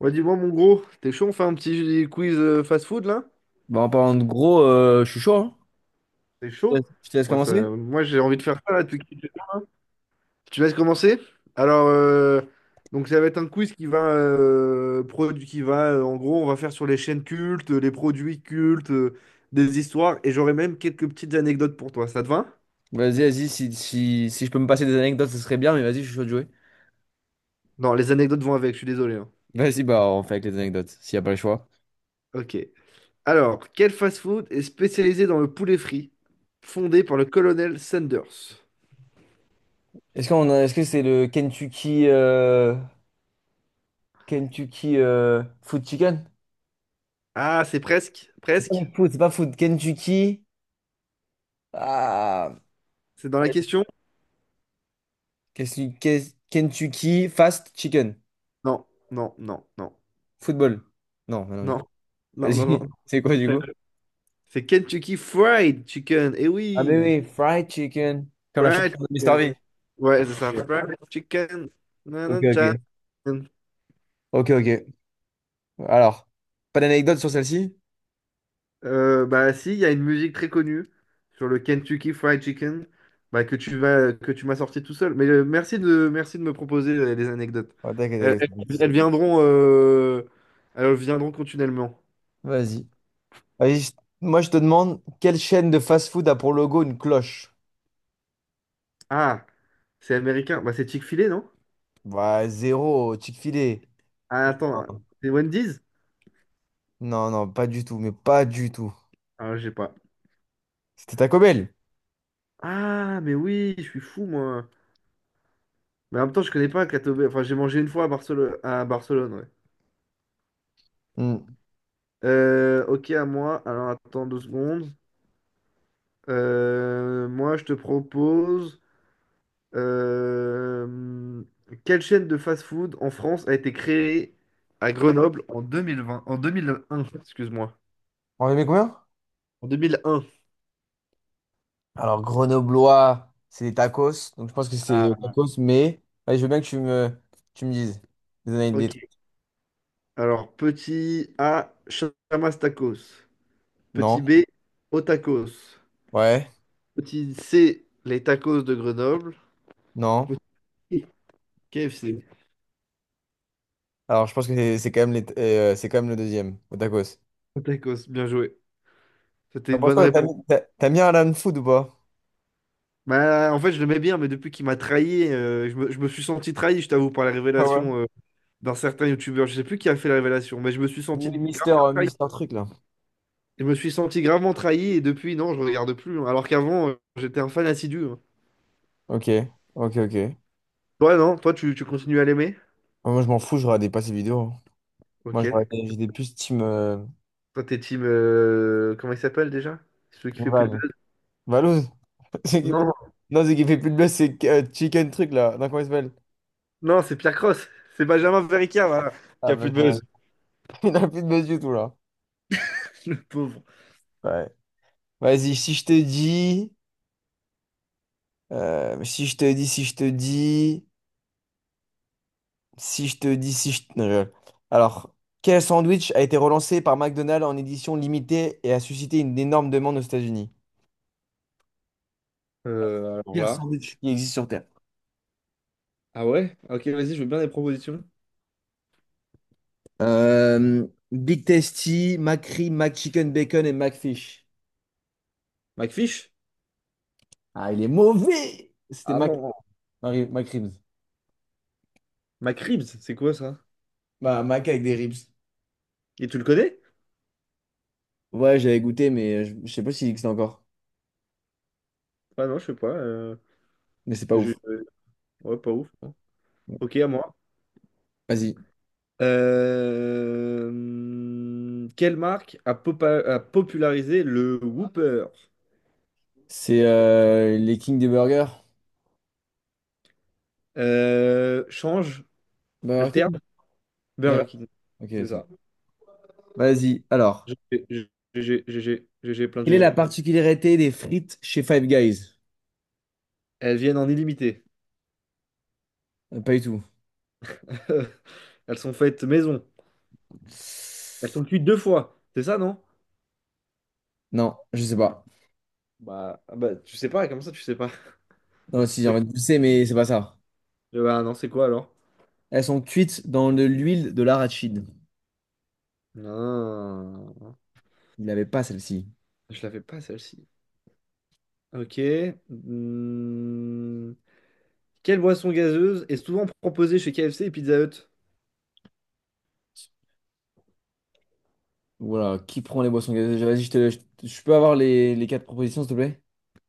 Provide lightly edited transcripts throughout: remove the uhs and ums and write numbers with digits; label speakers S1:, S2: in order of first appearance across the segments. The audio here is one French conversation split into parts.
S1: Ouais, dis-moi, mon gros, t'es chaud, on fait un petit quiz fast-food là?
S2: Bah, en parlant de gros, je suis chaud, hein.
S1: T'es
S2: Ouais,
S1: chaud?
S2: je te laisse
S1: Moi, ça,
S2: commencer.
S1: moi j'ai envie de faire ça là. Tu laisses commencer? Alors, donc ça va être un quiz qui va, en gros, on va faire sur les chaînes cultes, les produits cultes, des histoires, et j'aurai même quelques petites anecdotes pour toi. Ça te va?
S2: Vas-y, vas-y, si je peux me passer des anecdotes, ce serait bien, mais vas-y, je suis chaud de jouer.
S1: Non, les anecdotes vont avec, je suis désolé, hein.
S2: Vas-y, bah on fait avec les anecdotes, s'il n'y a pas le choix.
S1: Ok. Alors, quel fast-food est spécialisé dans le poulet frit, fondé par le colonel Sanders?
S2: Est-ce que c'est le Kentucky Kentucky Food Chicken?
S1: Ah, c'est presque,
S2: C'est pas
S1: presque.
S2: food, c'est pas food. Kentucky. Ah.
S1: C'est dans la
S2: Ouais,
S1: question.
S2: Kentucky qu'est Kentucky Fast Chicken.
S1: Non, non, non, non,
S2: Football. Non, mais non, du
S1: non,
S2: coup.
S1: non, non,
S2: Vas-y.
S1: non.
S2: C'est quoi du coup?
S1: C'est Kentucky Fried Chicken. Eh
S2: Ah mais
S1: oui,
S2: oui, fried chicken. Comme la chanson
S1: Fried
S2: de Mister
S1: Chicken.
S2: V.
S1: Ouais, c'est ça. Fried Chicken.
S2: Ok,
S1: Nanana
S2: ok.
S1: chicken.
S2: Ok, ok. Alors, pas d'anecdote sur celle-ci?
S1: Bah si, il y a une musique très connue sur le Kentucky Fried Chicken, bah, que tu m'as sorti tout seul. Mais merci de, me proposer des anecdotes.
S2: Ouais, t'inquiète,
S1: Elles, elles-
S2: t'inquiète.
S1: elles viendront, euh, elles viendront continuellement.
S2: Vas-y. Vas-y, je- Moi je te demande, quelle chaîne de fast-food a pour logo une cloche?
S1: Ah, c'est américain. Bah c'est Chick-fil-A, non?
S2: Bah, zéro, Chick-fil-A.
S1: Ah, attends,
S2: Non,
S1: c'est Wendy's?
S2: non, non, pas du tout, mais pas du tout.
S1: Ah, je sais pas.
S2: C'était Taco Bell.
S1: Ah, mais oui, je suis fou, moi. Mais en même temps, je connais pas Katobe. Enfin, j'ai mangé une fois à Barcelone, ouais.
S2: Hmm.
S1: Ok, à moi. Alors, attends 2 secondes. Moi, je te propose, euh, quelle chaîne de fast-food en France a été créée à Grenoble en 2020, en 2001, excuse-moi.
S2: On avait mis combien?
S1: En 2001.
S2: Alors, grenoblois, c'est des tacos, donc je pense que c'est
S1: Ah,
S2: tacos, mais ouais, je veux bien que tu me dises. Des
S1: ok.
S2: trucs.
S1: Alors, petit A, Chamas Tacos. Petit
S2: Non,
S1: B, Otacos.
S2: ouais,
S1: Petit C, les tacos de Grenoble.
S2: non.
S1: Petit KFC.
S2: Alors, je pense que c'est quand même les, c'est quand même le deuxième, au tacos.
S1: Tacos, bien joué. C'était
S2: Ah,
S1: une
S2: pour
S1: bonne
S2: toi,
S1: réponse.
S2: t'as mis un Alan Food ou pas?
S1: Bah, en fait, je l'aimais bien, mais depuis qu'il m'a trahi, je me suis senti trahi, je t'avoue, par la
S2: Ah ouais.
S1: révélation d'un certain youtubeur. Je sais plus qui a fait la révélation, mais je me suis senti
S2: Oui, Mister,
S1: gravement trahi.
S2: Mister Truc là.
S1: Je me suis senti gravement trahi et depuis, non, je regarde plus, hein. Alors qu'avant, j'étais un fan assidu, hein.
S2: Ok, ok, ok.
S1: Toi, non? Toi, tu continues à l'aimer?
S2: Ah, moi je m'en fous, je regarde pas ces vidéos, hein.
S1: Ok,
S2: Moi
S1: d'accord.
S2: j'étais plus team
S1: Toi, t'es team, comment il s'appelle déjà? Celui qui fait plus
S2: Val.
S1: de buzz?
S2: Valouz? C'est qui fait-
S1: Non,
S2: Non, c'est qui fait plus de buzz, c'est Chicken Truc là. Non, comment il s'appelle?
S1: non, c'est Pierre Cross. C'est Benjamin Verica, voilà, qui
S2: Ah,
S1: a
S2: bah,
S1: plus
S2: je
S1: de
S2: m'arrête.
S1: buzz.
S2: Il n'a plus de buzz du tout là.
S1: Le pauvre.
S2: Ouais. Vas-y, si je te dis. Si je te dis. Si je te dis si je... Non, je rigole. Alors, quel sandwich a été relancé par McDonald's en édition limitée et a suscité une énorme demande aux États-Unis?
S1: Alors
S2: Pire
S1: là.
S2: sandwich qui existe sur Terre.
S1: Ah ouais? Ok, vas-y, je veux bien des propositions.
S2: Big Tasty, McRib, McChicken Bacon et McFish.
S1: McFish?
S2: Ah, il est mauvais!
S1: Ah non.
S2: McRibs.
S1: McRibs, c'est quoi ça?
S2: Bah, Mac avec des ribs.
S1: Et tu le connais?
S2: Ouais, j'avais goûté, mais je sais pas s'il existe encore.
S1: Ah non, je sais pas.
S2: Mais c'est pas
S1: Je-
S2: ouf.
S1: euh, Ouais, pas ouf, non. Ok, à moi.
S2: Vas-y.
S1: Quelle marque a popularisé le Whopper?
S2: C'est les kings des burgers.
S1: Change,
S2: Burger
S1: alterne,
S2: King? J'avais-
S1: Burger King.
S2: ok,
S1: C'est
S2: c'est bon.
S1: ça.
S2: Vas-y, alors.
S1: GG, GG, GG, GG, plein
S2: Quelle
S1: de
S2: est la
S1: GG.
S2: particularité des frites chez Five Guys?
S1: Elles viennent en illimité.
S2: Pas du tout.
S1: Elles sont faites maison. Elles sont cuites deux fois. C'est ça, non?
S2: Non, je sais pas.
S1: Bah, ah bah, tu sais pas, comme ça, tu sais pas.
S2: Non, si, en
S1: C'est-
S2: fait, je sais, mais c'est pas ça.
S1: Bah, non, c'est quoi alors?
S2: Elles sont cuites dans de l'huile de l'arachide.
S1: Non,
S2: Il n'avait pas celle-ci.
S1: je l'avais pas celle-ci. Ok. Hmm. Quelle boisson gazeuse est souvent proposée chez KFC et Pizza Hut?
S2: Voilà, qui prend les boissons gazeuses? Vas-y, je peux avoir les quatre propositions, s'il te plaît?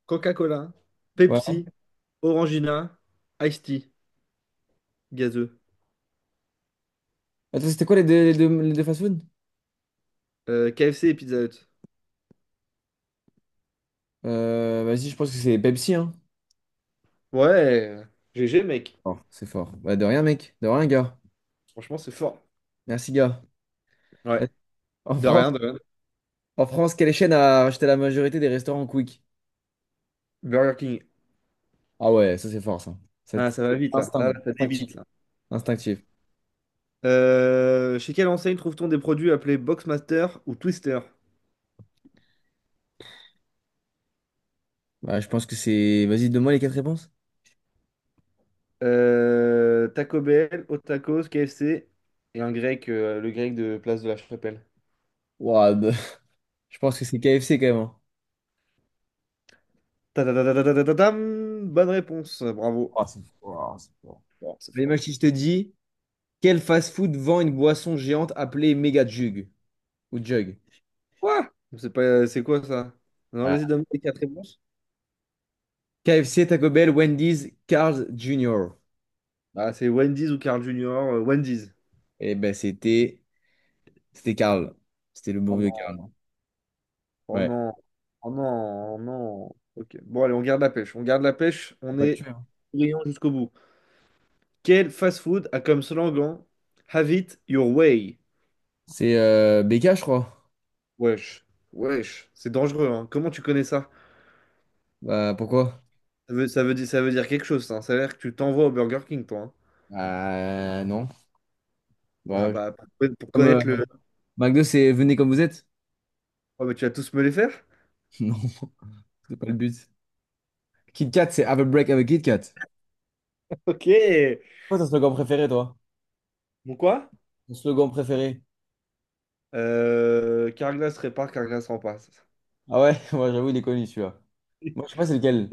S1: Coca-Cola,
S2: Ouais.
S1: Pepsi, Orangina, Ice Tea, gazeux.
S2: Attends, c'était quoi les deux fast-food?
S1: KFC et Pizza Hut.
S2: Vas-y, je pense que c'est Pepsi, hein.
S1: Ouais, GG, mec.
S2: Oh, c'est fort. Bah, de rien, mec. De rien, gars.
S1: Franchement, c'est fort.
S2: Merci, gars.
S1: Ouais,
S2: En
S1: de
S2: France,
S1: rien, de rien.
S2: en France, quelle chaîne a racheté la majorité des restaurants Quick?
S1: Burger King.
S2: Ah ouais, ça c'est fort ça. Ça,
S1: Ah, ça va
S2: c'est
S1: vite, là. Là,
S2: Instinct.
S1: là, ça
S2: Instinctif.
S1: débite, là.
S2: Instinctif.
S1: Chez quelle enseigne trouve-t-on des produits appelés Boxmaster ou Twister?
S2: Bah, je pense que c'est. Vas-y, donne-moi les quatre réponses.
S1: Taco Bell, Otakos, KFC et un grec, le grec de Place de la Chapelle.
S2: Ouah, bah, je pense que c'est KFC quand même, hein.
S1: Ta-ta-ta-ta-ta-ta-ta-tam. Bonne réponse, bravo.
S2: Oh, c'est fort, c'est fort.
S1: Fort, c'est
S2: Mais
S1: fort.
S2: imagine si je te dis, quel fast-food vend une boisson géante appelée Mega Jug ou Jug?
S1: Quoi? C'est pas, c'est quoi ça? Non, vas-y,
S2: Ah,
S1: donne-moi les quatre réponses.
S2: KFC, Taco Bell, Wendy's, Carl's Jr.
S1: Ah, c'est Wendy's ou Carl Junior? Wendy's.
S2: Eh ben c'était C'était Carl. C'était le bon
S1: Oh
S2: vieux
S1: non,
S2: Carl.
S1: oh
S2: Ouais.
S1: non, oh non, oh non. Ok, bon, allez, on garde la pêche, on garde la pêche,
S2: T'as
S1: on
S2: pas tué,
S1: est
S2: hein.
S1: brillant jusqu'au bout. Quel fast-food a comme slogan Have it your way?
S2: C'est BK, je crois.
S1: Wesh, wesh, c'est dangereux, hein. Comment tu connais ça?
S2: Bah pourquoi?
S1: Ça veut, ça veut dire quelque chose, ça. Ça a l'air que tu t'envoies au Burger King, toi, hein.
S2: Bah non.
S1: Ah
S2: Bah, je-
S1: bah, pour
S2: Comme
S1: connaître le.
S2: McDo, c'est venez comme vous êtes?
S1: Oh, mais tu vas tous me les faire?
S2: Non, c'est pas le but. Kit Kat, c'est Have a break, have a Kit Kat.
S1: Ok.
S2: Quoi ton slogan préféré, toi?
S1: Bon quoi?
S2: Ton slogan préféré?
S1: Carglass répare, Carglass remplace.
S2: Ah ouais, moi j'avoue, il est connu celui-là. Moi, je sais pas c'est lequel.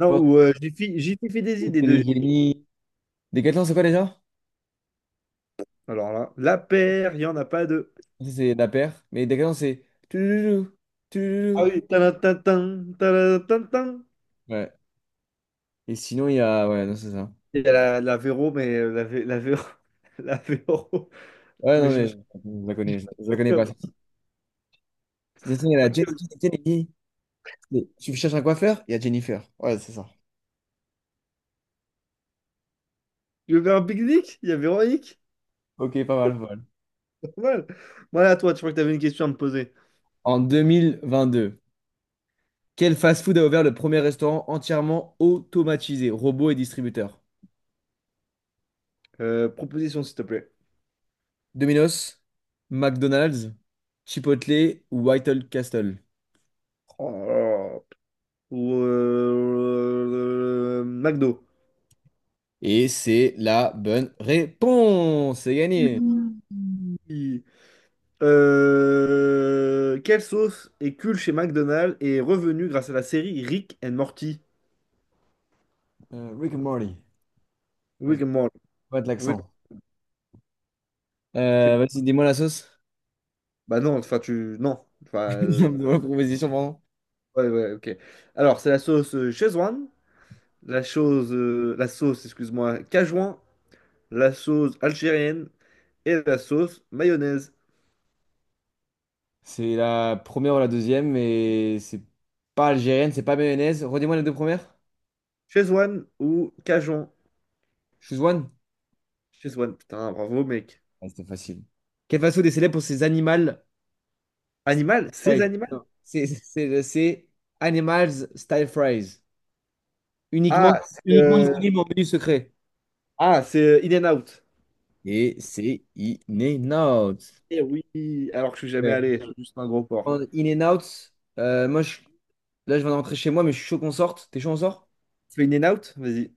S2: Je pense
S1: ou j'y suis fait des
S2: que
S1: idées
S2: c'est
S1: de.
S2: des génies. Décathlon, c'est quoi déjà?
S1: Alors là, la paire, il n'y en a pas deux.
S2: Ça, c'est la paire. Mais Décathlon, c'est. Touloulou,
S1: Ah
S2: touloulou.
S1: oui, tadam, tadam, tadam, tadam, tadam.
S2: Ouais. Et sinon, il y a. Ouais, non, c'est ça.
S1: Il y a la Véro, mais la Véro. La Véro.
S2: Ouais,
S1: Mais
S2: non,
S1: je me
S2: mais
S1: suis.
S2: je la connais pas. C'est ça, il y a la Jenny,
S1: Ok.
S2: Jenny, Jenny. Mais tu cherches un coiffeur? Il y a Jennifer. Ouais, c'est ça.
S1: Tu veux faire un pique-nique? Il y a Véronique?
S2: Ok, pas mal, pas mal.
S1: Pas mal. Voilà, toi, tu crois que tu avais une question à me poser.
S2: En 2022. Quel fast-food a ouvert le premier restaurant entièrement automatisé, robots et distributeurs?
S1: Proposition, s'il te plaît.
S2: Domino's, McDonald's, Chipotle ou White Castle?
S1: Oh là là. Ou McDo.
S2: Et c'est la bonne réponse. C'est gagné.
S1: Oui. Quelle sauce est cool chez McDonald's et est revenue grâce à la série Rick and Morty?
S2: Rick and Morty. Parce
S1: Rick
S2: que faut
S1: and Morty.
S2: pas de
S1: Oui,
S2: l'accent.
S1: cool.
S2: Vas-y, dis-moi la sauce.
S1: Bah non, enfin tu. Non. Enfin,
S2: Dis-moi la proposition, pardon.
S1: ouais, ouais, ok. Alors, c'est la sauce Szechuan, la sauce, excuse-moi, Cajouan, la sauce algérienne et la sauce mayonnaise.
S2: C'est la première ou la deuxième, mais c'est pas algérienne, c'est pas mayonnaise. Redis-moi les deux premières.
S1: Szechuan ou Cajun?
S2: Choose one.
S1: Szechuan, putain, bravo mec.
S2: Ah, c'était facile. Quel fast-food est célèbre pour ses animaux Style
S1: Animal? Ces
S2: Fries.
S1: animal?
S2: Non, c'est Animals Style Fries.
S1: Ah,
S2: Uniquement,
S1: c'est
S2: uniquement disponible en menu secret.
S1: In and Out.
S2: Et c'est In and Out.
S1: Eh oui, alors que je suis jamais
S2: Ouais.
S1: allé, je suis juste un gros porc.
S2: En In and Out, euh, moi, je- là, je viens de rentrer chez moi, mais je suis chaud qu'on sorte. T'es chaud, on sort?
S1: Tu fais In and Out? Vas-y.